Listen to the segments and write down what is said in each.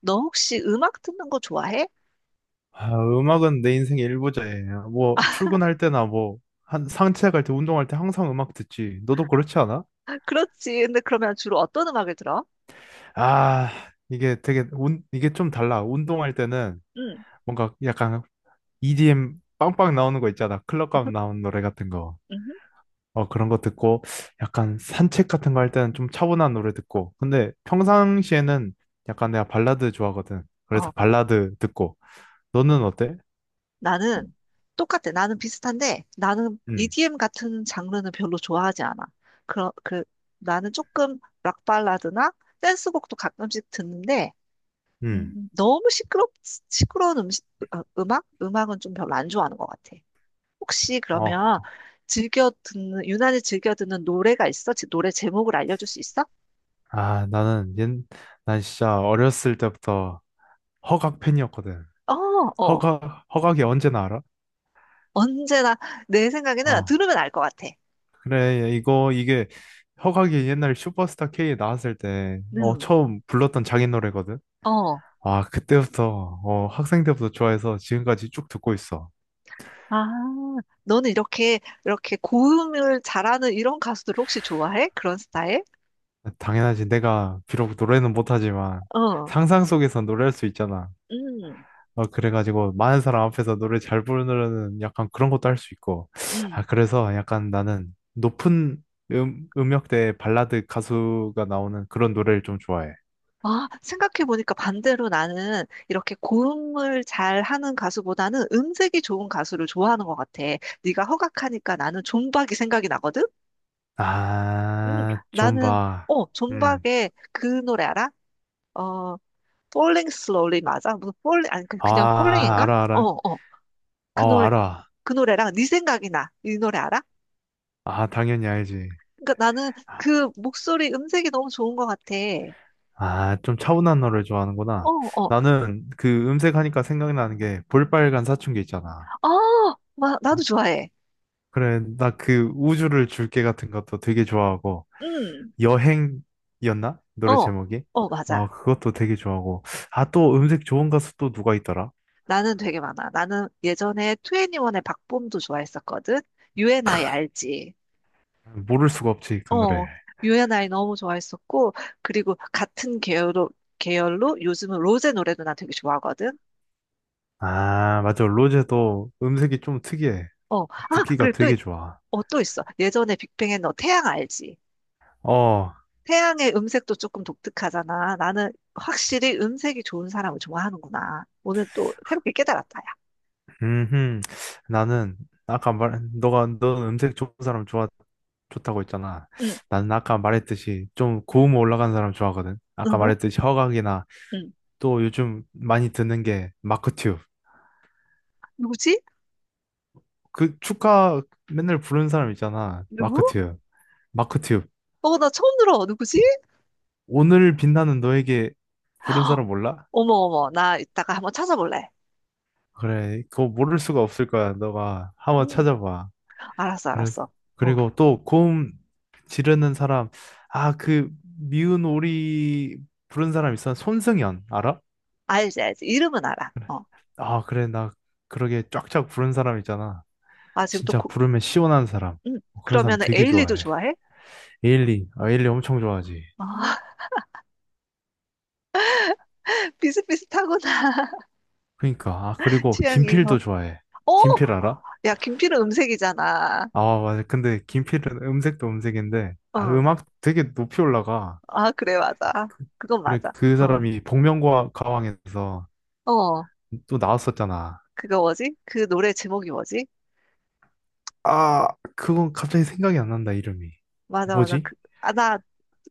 너 혹시 음악 듣는 거 좋아해? 아, 음악은 내 인생의 일부자예요. 뭐 출근할 때나 뭐 한 산책할 때 운동할 때 항상 음악 듣지. 너도 그렇지 않아? 그렇지. 근데 그러면 주로 어떤 음악을 들어? 아, 이게 되게 운 이게 좀 달라. 운동할 때는 응, 뭔가 약간 EDM 빵빵 나오는 거 있잖아. 클럽 가면 나오는 노래 같은 거. 음, 어, 그런 거 듣고 약간 산책 같은 거 할 때는 좀 차분한 노래 듣고. 근데 평상시에는 약간 내가 발라드 좋아하거든. 그래서 어, 발라드 듣고. 너는 어때? 나는 똑같아. 나는 비슷한데 나는 응. EDM 같은 장르는 별로 좋아하지 않아. 그런 그 나는 조금 락 발라드나 댄스곡도 가끔씩 듣는데 응. 너무 시끄럽 시끄러운 음식 어, 음악 음악은 좀 별로 안 좋아하는 것 같아. 혹시 어. 그러면 즐겨 듣는 유난히 즐겨 듣는 노래가 있어? 노래 제목을 알려줄 수 있어? 아, 나는 난 진짜 어렸을 때부터 허각 팬이었거든. 어, 어. 허각, 허각이 언제나 알아? 언제나 내 생각에는 어, 들으면 알 것 같아. 그래, 허각이 옛날 슈퍼스타 K에 나왔을 때, 어, 응. 처음 불렀던 자기 노래거든. 어. 아, 그때부터, 어, 학생 때부터 좋아해서 지금까지 쭉 듣고 있어. 아, 너는 이렇게 고음을 잘하는 이런 가수들 혹시 좋아해? 그런 스타일? 당연하지, 내가 비록 노래는 못하지만, 어. 상상 속에서 노래할 수 있잖아. 음. 어, 그래가지고 많은 사람 앞에서 노래 잘 부르는 약간 그런 것도 할 수 있고 아 음. 그래서 약간 나는 높은 음역대 발라드 가수가 나오는 그런 노래를 좀 좋아해 아, 생각해보니까 반대로 나는 이렇게 고음을 잘하는 가수보다는 음색이 좋은 가수를 좋아하는 것 같아. 네가 허각하니까 나는 존박이 생각이 나거든? 아 나는, 좀봐 어, 음. 존박의 그 노래 알아? 어, Falling Slowly 맞아? 무슨 Falling 아니 그냥 아 Falling인가? 알아 어, 알아 어. 그 어 노래 알아 그 노래랑 네 생각이 나. 이 노래 알아? 아 당연히 알지 그러니까 나는 그 목소리 음색이 너무 좋은 것 같아. 아 좀 차분한 노래 어, 좋아하는구나 어. 나는 그 음색하니까 생각나는 게 볼빨간 사춘기 있잖아 아, 마, 나도 어? 좋아해. 그래 나 그 우주를 줄게 같은 것도 되게 좋아하고 음. 여행이었나? 노래 어. 제목이? 어, 맞아. 아, 그것도 되게 좋아하고. 아, 또 음색 좋은 가수 또 누가 있더라? 나는 되게 많아. 나는 예전에 2NE1의 박봄도 좋아했었거든. U&I 알지? 모를 수가 없지, 그 노래. 어. U&I 너무 좋아했었고 그리고 같은 계열로 요즘은 로제 노래도 나 되게 좋아하거든. 아, 맞아. 로제도 음색이 좀 특이해. 어, 아, 듣기가 그리고 또 되게 좋아. 어, 또 있어. 예전에 빅뱅에 너 태양 알지? 어, 태양의 음색도 조금 독특하잖아. 나는 확실히 음색이 좋은 사람을 좋아하는구나. 오늘 또 새롭게 깨달았다, 야. 음, 나는 아까 너가 너 음색 좋은 사람 좋아 좋다고 했잖아. 응, 나는 아까 말했듯이 좀 고음 올라간 사람 좋아하거든. 응? 아까 응. 말했듯이 허각이나 응. 또 요즘 많이 듣는 게 마크 튜. 누구지? 그 축가 맨날 부르는 사람 있잖아. 누구? 마크튜브. 마크튜브. 어, 나 처음 들어. 누구지? 오늘 빛나는 너에게 부른 사람 몰라? 어머, 어머. 나 이따가 한번 찾아볼래. 그래. 그거 모를 수가 없을 거야. 너가 한번 음, 찾아봐. 알았어, 그래서 알았어. 어, 그리고 또 고음 지르는 사람 아, 그 미운 오리 부른 사람 있어. 손승연 알아? 알지, 알지. 이름은 알아. 어. 아, 그래. 나 그러게 쫙쫙 부른 사람 있잖아. 아, 지금 또, 진짜 고, 부르면 시원한 사람. 어, 그런 사람 그러면은 되게 에일리도 좋아해. 좋아해? 에일리. 아, 에일리 엄청 좋아하지. 아, 비슷비슷하구나. 그러니까 아 그리고 취향이. 어, 김필도 좋아해. 어? 김필 알아? 야, 김필은 음색이잖아. 아 맞아. 근데 김필은 음색도 음색인데 아 어. 음악 되게 높이 올라가. 아, 그래, 맞아. 그- 그건 그래 맞아. 그 어. 사람이 복면가왕 가왕에서 어, 또 나왔었잖아. 그거 뭐지? 그 노래 제목이 뭐지? 아 그건 갑자기 생각이 안 난다 이름이. 맞아, 맞아. 뭐지? 그, 아, 나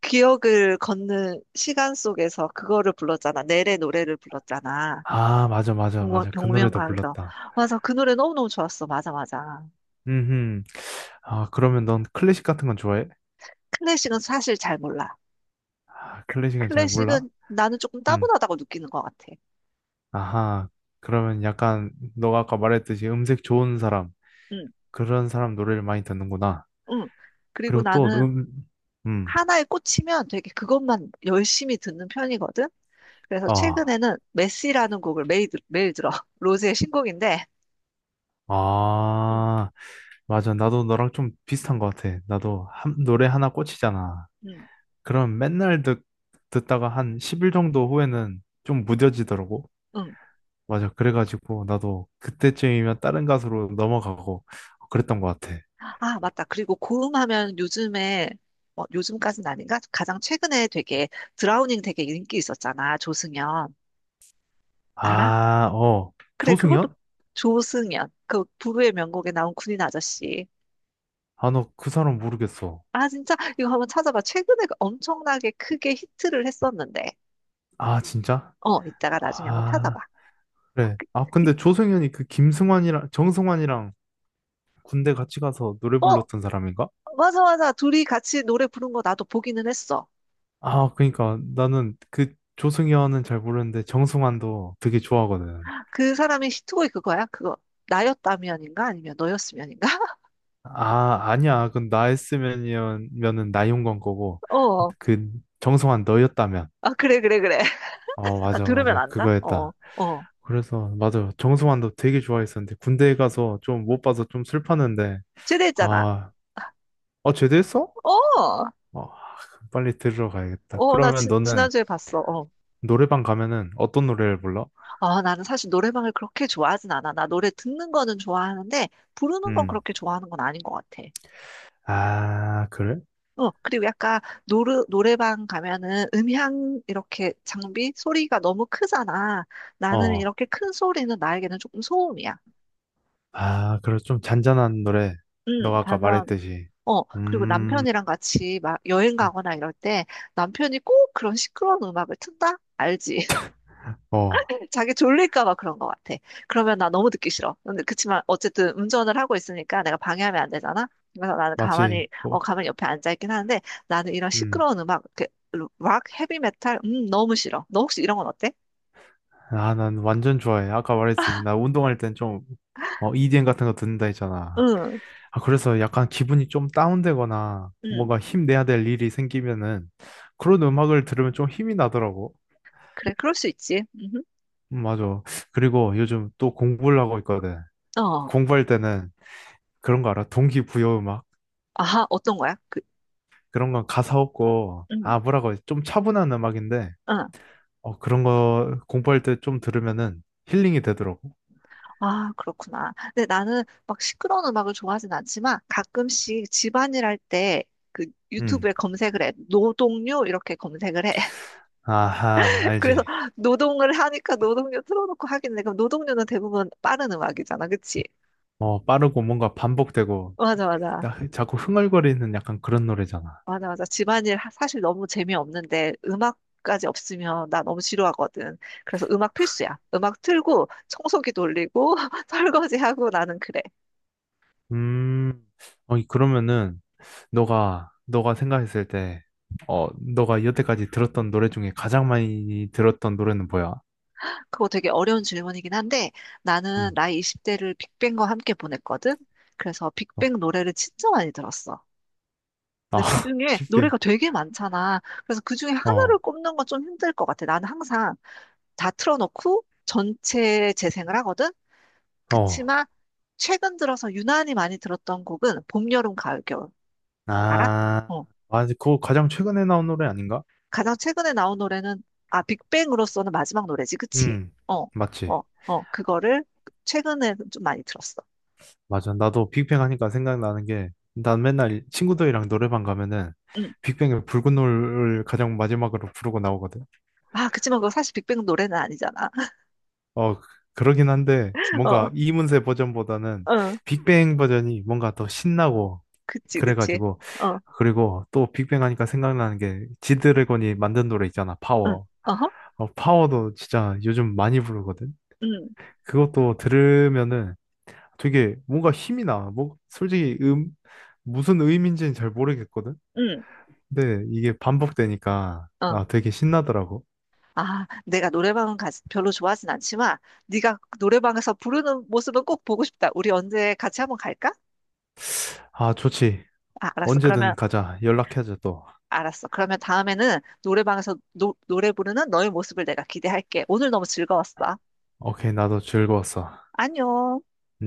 기억을 걷는 시간 속에서 그거를 불렀잖아. 넬의 노래를 불렀잖아. 아 맞아 맞아 맞아. 그 노래도 복면가왕에서. 불렀다. 맞아, 그 노래 너무너무 좋았어. 맞아, 맞아. 음흠. 아 그러면 넌 클래식 같은 건 좋아해? 클래식은 사실 잘 몰라. 아 클래식은 잘 몰라? 클래식은 나는 조금 음. 따분하다고 느끼는 것 같아. 아하. 그러면 약간 너가 아까 말했듯이 음색 좋은 사람. 응, 그런 사람 노래를 많이 듣는구나. 응. 그리고 그리고 또, 나는 음, 하나에 꽂히면 되게 그것만 열심히 듣는 편이거든? 그래서 아, 최근에는 메시라는 곡을 매일 들어. 로즈의 신곡인데, 음. 아, 맞아. 나도 너랑 좀 비슷한 것 같아. 나도 한, 노래 하나 꽂히잖아. 음, 그럼 맨날 듣다가 한 10일 정도 후에는 좀 무뎌지더라고. 음. 맞아. 그래가지고 나도 그때쯤이면 다른 가수로 넘어가고 그랬던 것 같아. 아, 맞다. 그리고 고음하면 요즘에, 뭐 요즘까진 아닌가? 가장 최근에 되게 드라우닝 되게 인기 있었잖아. 조승연. 알아? 아, 어, 그래, 그것도 조승연? 조승연. 그 부부의 명곡에 나온 군인 아저씨. 아, 너 그 사람 모르겠어. 아, 진짜? 이거 한번 찾아봐. 최근에 그 엄청나게 크게 히트를 했었는데. 아, 진짜? 어, 이따가 나중에 한번 아, 찾아봐. 그래. 아, 근데 조승연이 그 김승환이랑 정승환이랑 군대 같이 가서 노래 어, 불렀던 사람인가? 맞아, 맞아. 둘이 같이 노래 부른 거 나도 보기는 했어. 아, 그러니까 나는 그 조승연은 잘 모르는데 정승환도 되게 좋아하거든. 그 사람이 시트고이 그거야? 그거 나였다면인가? 아니면 너였으면인가? 아, 아니야. 그건 나였으면이면은 나윤건 거고 어. 그 정승환 너였다면. 아, 그래, 그래, 그래. 어, 나 맞아, 들으면 맞아. 안다? 어, 그거였다. 어. 그래서 맞아. 정승환도 되게 좋아했었는데 군대에 가서 좀 못 봐서 좀 슬펐는데 제대했잖아. 아, 어 제대했어? 어, 어, 빨리 들으러 가야겠다. 어, 나 그러면 너는 지난주에 봤어. 어. 노래방 가면은 어떤 노래를 불러? 아, 나는 사실 노래방을 그렇게 좋아하진 않아. 나 노래 듣는 거는 좋아하는데, 부르는 건 음. 그렇게 좋아하는 건 아닌 것 같아. 아, 그래? 어, 그리고 약간 노래방 가면은 음향 이렇게 장비 소리가 너무 크잖아. 나는 어. 이렇게 큰 소리는 나에게는 조금 소음이야. 아, 그래, 좀 잔잔한 노래. 너가 아까 반전 말했듯이. 어, 그리고 음, 남편이랑 같이 막 여행 가거나 이럴 때 남편이 꼭 그런 시끄러운 음악을 튼다? 알지? 어, 자기 졸릴까 봐 그런 것 같아. 그러면 나 너무 듣기 싫어. 근데 그치만 어쨌든 운전을 하고 있으니까 내가 방해하면 안 되잖아? 그래서 나는 마치, 가만히, 어, 어, 가만히 옆에 앉아있긴 하는데 나는 이런 음. 시끄러운 음악, 이렇게 락, 헤비 메탈, 너무 싫어. 너 혹시 이런 건 어때? 아, 난 완전 좋아해. 아까 말했듯이. 나 운동할 땐 좀, 어, EDM 같은 거 듣는다 했잖아. 응, 아, 그래서 약간 기분이 좀 다운되거나 응. 뭔가 힘내야 될 일이 생기면은 그런 음악을 들으면 좀 힘이 나더라고. 그래, 그럴 수 있지. 맞아. 그리고 요즘 또 공부를 하고 있거든. 어. 공부할 때는 그런 거 알아? 동기부여 음악? 아하, 어떤 거야? 그, 그런 건 가사 없고, 응, 아, 뭐라고, 해야지? 좀 차분한 음악인데, 응. 어, 그런 거 공부할 때 좀 들으면은 힐링이 되더라고. 아, 그렇구나. 근데 나는 막 시끄러운 음악을 좋아하진 않지만 가끔씩 집안일 할 때 그 음. 유튜브에 검색을 해. 노동요 이렇게 검색을 해. 아하, 그래서 알지. 노동을 하니까 노동요 틀어놓고 하긴 해. 그럼 노동요는 대부분 빠른 음악이잖아. 그치? 어, 빠르고 뭔가 반복되고, 맞아, 맞아. 나 자꾸 흥얼거리는 약간 그런 노래잖아. 맞아, 맞아. 사실 너무 재미없는데 음악까지 없으면 나 너무 지루하거든. 그래서 음악 필수야. 음악 틀고 청소기 돌리고 설거지하고 나는 그래. 음, 어, 그러면은, 너가, 너가 생각했을 때, 어, 너가 여태까지 들었던 노래 중에 가장 많이 들었던 노래는 뭐야? 그거 되게 어려운 질문이긴 한데 나는 음, 나이 20대를 빅뱅과 함께 보냈거든. 그래서 어, 빅뱅 노래를 진짜 많이 들었어. 아, 근데 그중에 빅뱅. 노래가 되게 많잖아. 그래서 그중에 하나를 어, 꼽는 건 좀 힘들 것 같아. 나는 항상 다 틀어놓고 전체 재생을 하거든. 어. 그치만 최근 들어서 유난히 많이 들었던 곡은 봄, 여름, 가을, 겨울. 알아? 아, 어. 아, 그거 가장 최근에 나온 노래 아닌가? 가장 최근에 나온 노래는 아 빅뱅으로서는 마지막 노래지, 그치? 음, 어, 맞지. 어, 어. 그거를 최근에 좀 많이 들었어. 맞아. 나도 빅뱅 하니까 생각나는 게, 난 맨날 친구들이랑 노래방 가면은 응. 빅뱅의 붉은 노을 가장 마지막으로 부르고 나오거든. 아, 그치만 그거 사실 빅뱅 노래는 아니잖아. 어, 그러긴 한데, 뭔가 어, 이문세 버전보다는 응. 빅뱅 버전이 뭔가 더 신나고, 그치, 그치. 그래가지고, 어, 그리고 또 빅뱅 하니까 생각나는 게, 지드래곤이 만든 노래 있잖아, 응. 파워. 어허? 어, 파워도 진짜 요즘 많이 부르거든. 응, 그것도 들으면은 되게 뭔가 힘이 나. 뭐 솔직히 무슨 의미인지는 잘 모르겠거든. 응. 근데 이게 반복되니까 어. 나 되게 신나더라고. 아, 내가 노래방은 가, 별로 좋아하진 않지만, 네가 노래방에서 부르는 모습은 꼭 보고 싶다. 우리 언제 같이 한번 갈까? 아, 좋지. 아, 알았어. 그러면, 언제든 가자. 연락하자 또. 알았어. 그러면 다음에는 노래방에서 노래 부르는 너의 모습을 내가 기대할게. 오늘 너무 즐거웠어. 오케이, 나도 즐거웠어. 안녕.